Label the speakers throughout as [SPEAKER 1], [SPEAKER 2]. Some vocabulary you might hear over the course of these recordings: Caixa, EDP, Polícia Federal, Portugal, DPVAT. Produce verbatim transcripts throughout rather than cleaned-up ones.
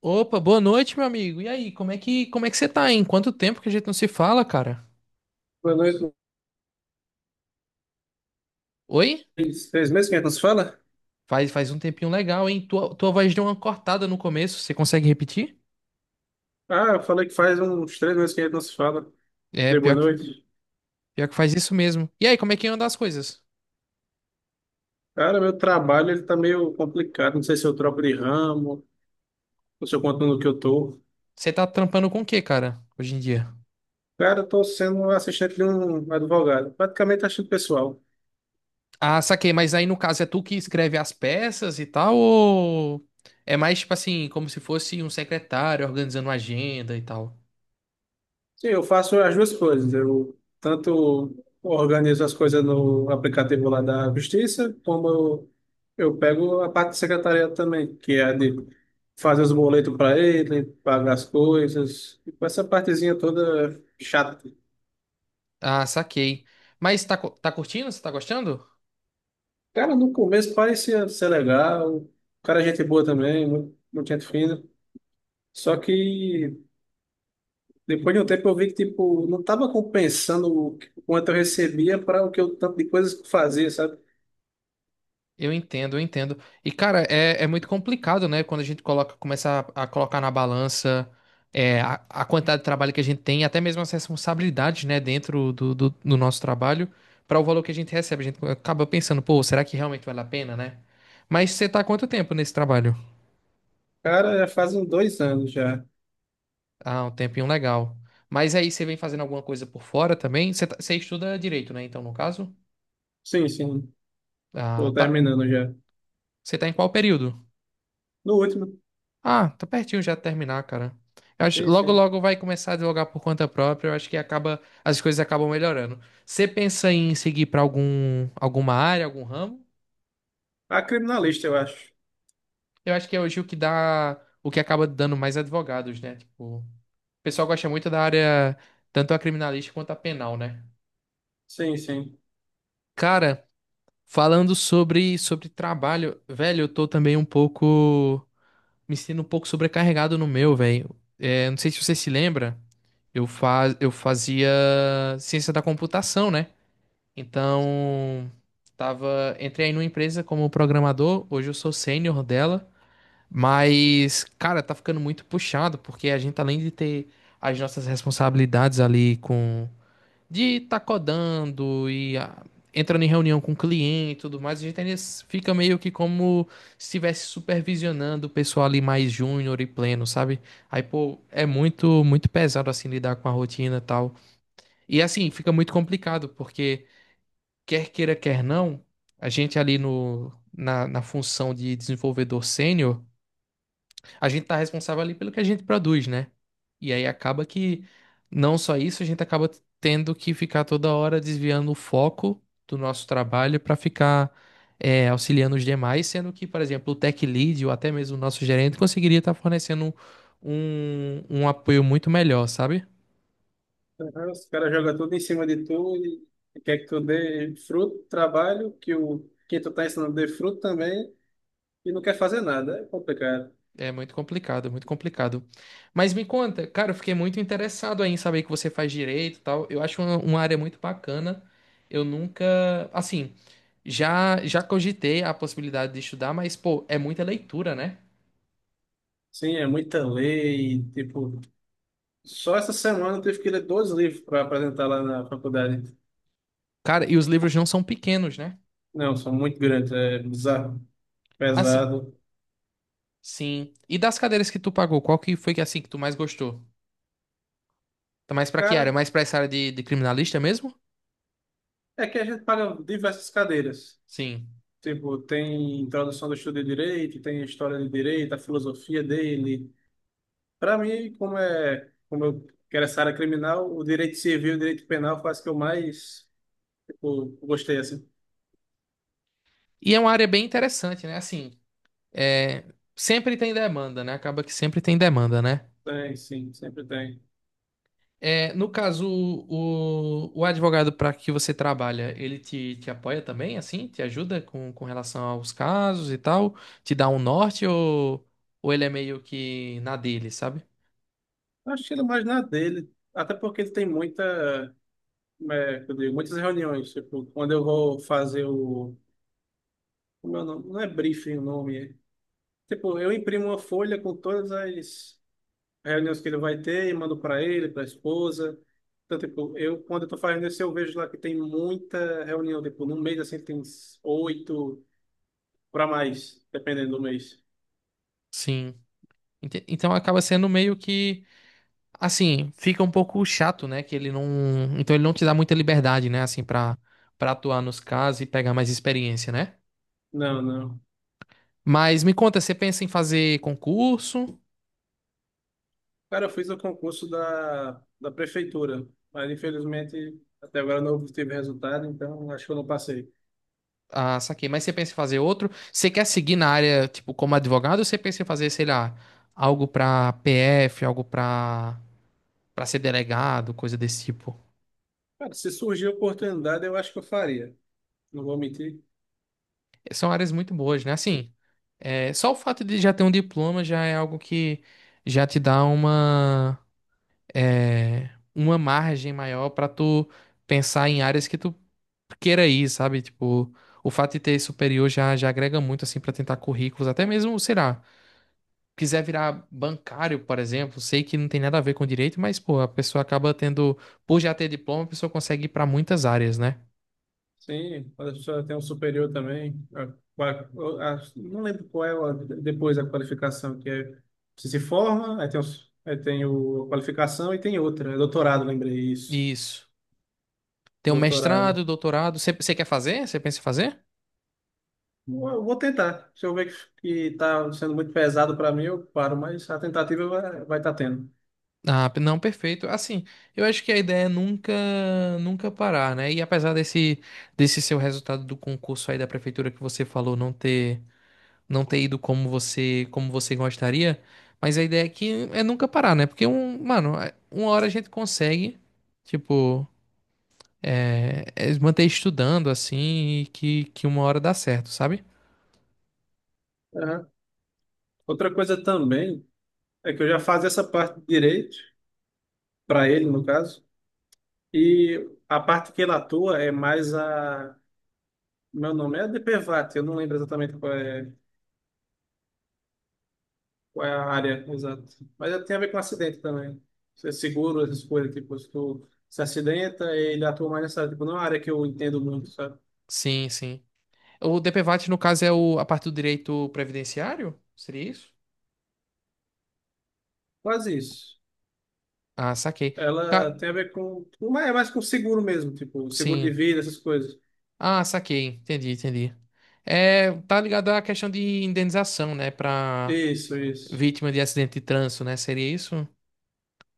[SPEAKER 1] Opa, boa noite, meu amigo. E aí, como é que, como é que você tá, hein? Quanto tempo que a gente não se fala, cara?
[SPEAKER 2] Boa noite.
[SPEAKER 1] Oi?
[SPEAKER 2] Três três meses que a gente não se fala?
[SPEAKER 1] Faz, faz um tempinho legal, hein? Tua, tua voz deu uma cortada no começo, você consegue repetir?
[SPEAKER 2] Ah, eu falei que faz uns três meses que a gente não se fala.
[SPEAKER 1] É,
[SPEAKER 2] Dei boa
[SPEAKER 1] pior que,
[SPEAKER 2] noite.
[SPEAKER 1] Pior que faz isso mesmo. E aí, como é que anda as coisas?
[SPEAKER 2] Cara, meu trabalho ele tá meio complicado. Não sei se eu troco de ramo, ou se eu continuo no que eu tô.
[SPEAKER 1] Você tá trampando com o que, cara, hoje em dia?
[SPEAKER 2] Cara, eu tô sendo um assistente de um advogado. Praticamente assistente pessoal.
[SPEAKER 1] Ah, saquei, mas aí no caso é tu que escreve as peças e tal, ou é mais tipo assim, como se fosse um secretário organizando uma agenda e tal?
[SPEAKER 2] Sim, eu faço as duas coisas. Eu tanto organizo as coisas no aplicativo lá da Justiça, como eu, eu pego a parte de secretariado também, que é a de fazer os boletos para ele, pagar as coisas, e com essa partezinha toda chata.
[SPEAKER 1] Ah, saquei. Mas tá, cu- tá curtindo? Você tá gostando?
[SPEAKER 2] Cara, no começo parecia ser legal, o cara é gente boa também, mu- muita gente fina. Só que depois de um tempo eu vi que tipo, não estava compensando o que- o quanto eu recebia para o que eu tanto de coisas que eu fazia, sabe?
[SPEAKER 1] Eu entendo, eu entendo. E, cara, é, é muito complicado, né? Quando a gente coloca, começa a, a colocar na balança é, a, a quantidade de trabalho que a gente tem, até mesmo as responsabilidades, né, dentro do, do, do nosso trabalho, para o valor que a gente recebe. A gente acaba pensando, pô, será que realmente vale a pena, né? Mas você tá há quanto tempo nesse trabalho?
[SPEAKER 2] Cara, já fazem dois anos já.
[SPEAKER 1] Ah, um tempinho legal. Mas aí você vem fazendo alguma coisa por fora também? Você, tá- você estuda direito, né? Então, no caso,
[SPEAKER 2] Sim, sim.
[SPEAKER 1] ah,
[SPEAKER 2] Tô
[SPEAKER 1] tá.
[SPEAKER 2] terminando já.
[SPEAKER 1] Você tá em qual período?
[SPEAKER 2] No último.
[SPEAKER 1] Ah, tá pertinho já de terminar, cara. Eu acho,
[SPEAKER 2] Sim,
[SPEAKER 1] logo,
[SPEAKER 2] sim.
[SPEAKER 1] logo vai começar a advogar por conta própria. Eu acho que acaba, as coisas acabam melhorando. Você pensa em seguir pra algum, alguma área, algum ramo?
[SPEAKER 2] A criminalista, eu acho.
[SPEAKER 1] Eu acho que é hoje o que dá, o que acaba dando mais advogados, né? Tipo, o pessoal gosta muito da área, tanto a criminalística quanto a penal, né?
[SPEAKER 2] Sim, sim.
[SPEAKER 1] Cara, falando sobre, sobre trabalho, velho, eu tô também um pouco. Me sinto um pouco sobrecarregado no meu, velho. É, não sei se você se lembra, eu, faz, eu fazia ciência da computação, né? Então, tava, entrei aí numa empresa como programador, hoje eu sou sênior dela, mas, cara, tá ficando muito puxado, porque a gente, além de ter as nossas responsabilidades ali com de tá codando e ah, entrando em reunião com o cliente e tudo mais, a gente ainda s- fica meio que como se estivesse supervisionando o pessoal ali mais júnior e pleno, sabe? Aí, pô, é muito, muito pesado assim lidar com a rotina e tal. E assim, fica muito complicado, porque quer queira, quer não, a gente ali no, na, na função de desenvolvedor sênior a gente tá responsável ali pelo que a gente produz, né? E aí acaba que não só isso, a gente acaba tendo que ficar toda hora desviando o foco do nosso trabalho para ficar é, auxiliando os demais, sendo que, por exemplo, o tech lead ou até mesmo o nosso gerente conseguiria estar fornecendo um, um apoio muito melhor, sabe?
[SPEAKER 2] Aham. Os caras jogam tudo em cima de tu e quer que tu dê fruto, trabalho, que o quem tu tá ensinando dê fruto também e não quer fazer nada. É complicado.
[SPEAKER 1] É muito complicado, muito complicado. Mas me conta, cara, eu fiquei muito interessado aí em saber que você faz direito e tal. Eu acho uma, uma área muito bacana. Eu nunca, assim, já já cogitei a possibilidade de estudar, mas pô, é muita leitura, né?
[SPEAKER 2] Sim, é muita lei. Tipo, só essa semana eu tive que ler dois livros para apresentar lá na faculdade.
[SPEAKER 1] Cara, e os livros não são pequenos, né?
[SPEAKER 2] Não, são muito grandes, é bizarro,
[SPEAKER 1] Assim,
[SPEAKER 2] pesado.
[SPEAKER 1] sim. E das cadeiras que tu pagou, qual que foi que assim que tu mais gostou? Tá mais pra que área?
[SPEAKER 2] Cara,
[SPEAKER 1] Mais pra essa área de, de criminalista mesmo?
[SPEAKER 2] é que a gente paga diversas cadeiras.
[SPEAKER 1] Sim.
[SPEAKER 2] Tipo, tem introdução do estudo de direito, tem a história de direito, a filosofia dele. Para mim, como é, como eu quero essa área criminal, o direito civil e o direito penal faz que eu mais, tipo, gostei assim.
[SPEAKER 1] E é uma área bem interessante, né? Assim, é, sempre tem demanda, né? Acaba que sempre tem demanda, né?
[SPEAKER 2] Tem, sim, sempre tem.
[SPEAKER 1] É, no caso, o, o advogado para que você trabalha, ele te, te apoia também, assim? Te ajuda com, com relação aos casos e tal? Te dá um norte ou, ou ele é meio que na dele, sabe?
[SPEAKER 2] Acho que ele mais na dele, até porque ele tem muita, é, que eu digo, muitas reuniões, tipo, quando eu vou fazer o, como é o nome? Não é briefing o nome, é. Tipo, eu imprimo uma folha com todas as reuniões que ele vai ter e mando para ele, para a esposa. Então, tipo, eu, quando eu tô fazendo isso, eu vejo lá que tem muita reunião, tipo, no mês, assim, tem uns oito para mais, dependendo do mês.
[SPEAKER 1] Sim. Ente- Então acaba sendo meio que, assim, fica um pouco chato, né? Que ele não. Então ele não te dá muita liberdade, né? Assim, pra, pra atuar nos casos e pegar mais experiência, né?
[SPEAKER 2] Não, não.
[SPEAKER 1] Mas me conta, você pensa em fazer concurso?
[SPEAKER 2] Cara, eu fiz o concurso da, da prefeitura, mas infelizmente até agora não obtive resultado, então acho que eu não passei.
[SPEAKER 1] Ah, saquei. Mas você pensa em fazer outro? Você quer seguir na área, tipo, como advogado, ou você pensa em fazer, sei lá, algo pra P F, algo pra, pra ser delegado, coisa desse tipo?
[SPEAKER 2] Cara, se surgir a oportunidade, eu acho que eu faria. Não vou mentir.
[SPEAKER 1] É, são áreas muito boas, né? Assim, é, só o fato de já ter um diploma já é algo que já te dá uma, é, uma margem maior pra tu pensar em áreas que tu queira ir, sabe? Tipo, o fato de ter superior já, já agrega muito, assim, pra tentar currículos, até mesmo, sei lá. Quiser virar bancário, por exemplo, sei que não tem nada a ver com direito, mas, pô, a pessoa acaba tendo, por já ter diploma, a pessoa consegue ir para muitas áreas, né?
[SPEAKER 2] Sim, quando a pessoa tem um superior também. A- qua- eu acho- não lembro qual é a- Depois a qualificação, que é, você se forma, aí tem, os, aí tem o, a qualificação e tem outra. É doutorado, lembrei isso.
[SPEAKER 1] Isso.
[SPEAKER 2] O
[SPEAKER 1] Tem um mestrado,
[SPEAKER 2] doutorado.
[SPEAKER 1] doutorado. Você você quer fazer? Você pensa em fazer?
[SPEAKER 2] Vou eu vou tentar. Se eu ver que está sendo muito pesado para mim, eu paro, mas a tentativa vai, vai estar tendo.
[SPEAKER 1] Ah, p- não, perfeito. Assim, eu acho que a ideia é nunca, nunca parar, né? E apesar desse, desse seu resultado do concurso aí da prefeitura que você falou não ter, não ter ido como você, como você gostaria, mas a ideia aqui é que é nunca parar, né? Porque um, mano, é, uma hora a gente consegue, tipo, é, é manter estudando assim e que, que uma hora dá certo, sabe?
[SPEAKER 2] Aham. Outra coisa também é que eu já fazia essa parte de direito, para ele, no caso, e a parte que ele atua é mais a. Meu nome é de pê vat, eu não lembro exatamente qual é, qual é a área exata. Mas é- tem a ver com acidente também. Você seguro, essas coisas, tipo, se tu se acidenta, ele atua mais nessa área. Tipo, não é uma área que eu entendo muito, sabe?
[SPEAKER 1] Sim, sim. O D P V A T, no caso, é o, a parte do direito previdenciário? Seria isso?
[SPEAKER 2] Quase isso.
[SPEAKER 1] Ah, saquei.
[SPEAKER 2] Ela
[SPEAKER 1] Ca-
[SPEAKER 2] tem a ver com. Mas é mais com seguro mesmo, tipo, seguro de
[SPEAKER 1] Sim.
[SPEAKER 2] vida, essas coisas.
[SPEAKER 1] Ah, saquei. Entendi, entendi. É, tá ligado à questão de indenização, né? Pra
[SPEAKER 2] Isso, isso.
[SPEAKER 1] vítima de acidente de trânsito, né? Seria isso?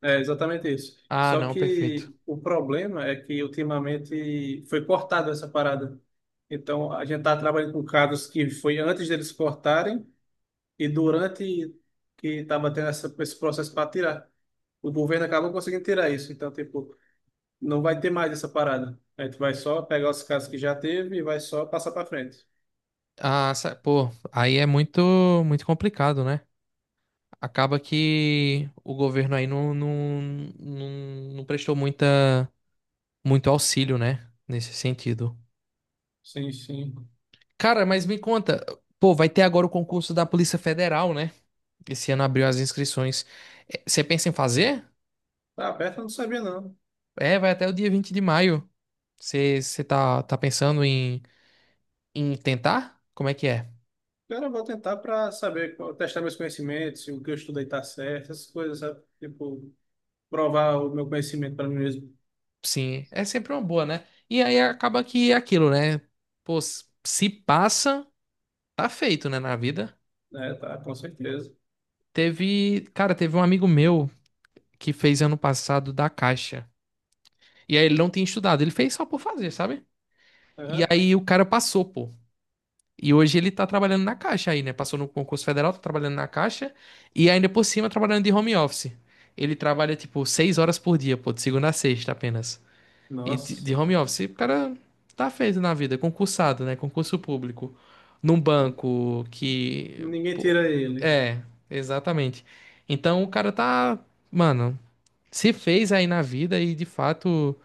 [SPEAKER 2] É exatamente isso.
[SPEAKER 1] Ah,
[SPEAKER 2] Só
[SPEAKER 1] não, perfeito.
[SPEAKER 2] que o problema é que ultimamente foi cortada essa parada. Então, a gente tá trabalhando com casos que foi antes deles cortarem. E durante que estava tendo essa, esse processo para tirar, o governo acabou conseguindo tirar isso. Então, tipo, não vai ter mais essa parada. A gente vai só pegar os casos que já teve e vai só passar para frente.
[SPEAKER 1] Ah, sa- pô, aí é muito, muito complicado, né? Acaba que o governo aí não, não, não, não prestou muita. Muito auxílio, né? Nesse sentido.
[SPEAKER 2] Sim, sim.
[SPEAKER 1] Cara, mas me conta, pô, vai ter agora o concurso da Polícia Federal, né? Esse ano abriu as inscrições. É, você pensa em fazer?
[SPEAKER 2] Tá aberto, eu não sabia não.
[SPEAKER 1] É, vai até o dia vinte de maio. Você você tá, tá pensando em, em tentar? Como é que é?
[SPEAKER 2] Agora eu vou tentar para saber, qual- testar meus conhecimentos, se o que eu estudei tá certo, essas coisas, sabe? Tipo, provar o meu conhecimento para mim mesmo.
[SPEAKER 1] Sim, é sempre uma boa, né? E aí acaba que é aquilo, né? Pô, s- se passa, tá feito, né, na vida.
[SPEAKER 2] É, tá, com certeza.
[SPEAKER 1] Teve, cara, teve um amigo meu que fez ano passado da Caixa. E aí ele não tinha estudado, ele fez só por fazer, sabe? E
[SPEAKER 2] Aham.
[SPEAKER 1] aí o cara passou, pô. E hoje ele tá trabalhando na Caixa aí, né? Passou no concurso federal, tá trabalhando na Caixa e ainda por cima trabalhando de home office. Ele trabalha tipo seis horas por dia, pô, de segunda a sexta apenas. E de, de
[SPEAKER 2] Nossa,
[SPEAKER 1] home office, o cara tá feito na vida, concursado, né? Concurso público. Num banco que.
[SPEAKER 2] ninguém
[SPEAKER 1] Pô,
[SPEAKER 2] tira ele.
[SPEAKER 1] é, exatamente. Então o cara tá. Mano, se fez aí na vida e de fato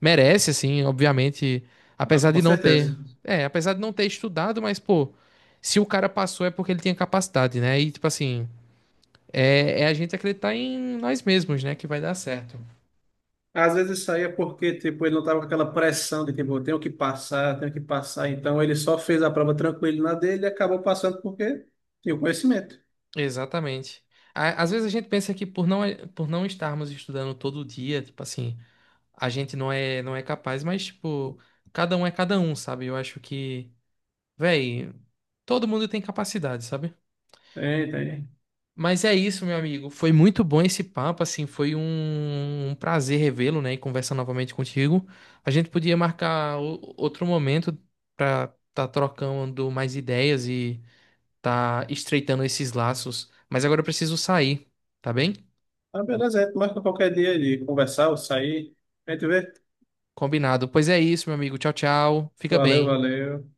[SPEAKER 1] merece, assim, obviamente,
[SPEAKER 2] Ah,
[SPEAKER 1] apesar de
[SPEAKER 2] com
[SPEAKER 1] não ter,
[SPEAKER 2] certeza.
[SPEAKER 1] é, apesar de não ter estudado, mas pô, se o cara passou é porque ele tinha capacidade, né? E tipo assim, é, é a gente acreditar em nós mesmos, né, que vai dar certo.
[SPEAKER 2] Às vezes saía porque, tipo, ele não tava com aquela pressão de, tipo, eu tenho que passar, tenho que passar. Então ele só fez a prova tranquilo na dele e acabou passando porque tinha o conhecimento.
[SPEAKER 1] Exatamente. Á- Às vezes a gente pensa que por não, por não estarmos estudando todo dia, tipo assim, a gente não é, não é capaz, mas tipo, cada um é cada um, sabe? Eu acho que, véi, todo mundo tem capacidade, sabe?
[SPEAKER 2] Tem, tem.
[SPEAKER 1] Mas é isso, meu amigo. Foi muito bom esse papo, assim, foi um, um prazer revê-lo, né, e conversar novamente contigo. A gente podia marcar o- outro momento para tá trocando mais ideias e tá estreitando esses laços. Mas agora eu preciso sair, tá bem?
[SPEAKER 2] Ah, beleza, a gente marca qualquer dia de conversar ou sair. A gente vê.
[SPEAKER 1] Combinado. Pois é isso, meu amigo. Tchau, tchau. Fica
[SPEAKER 2] Valeu,
[SPEAKER 1] bem.
[SPEAKER 2] valeu.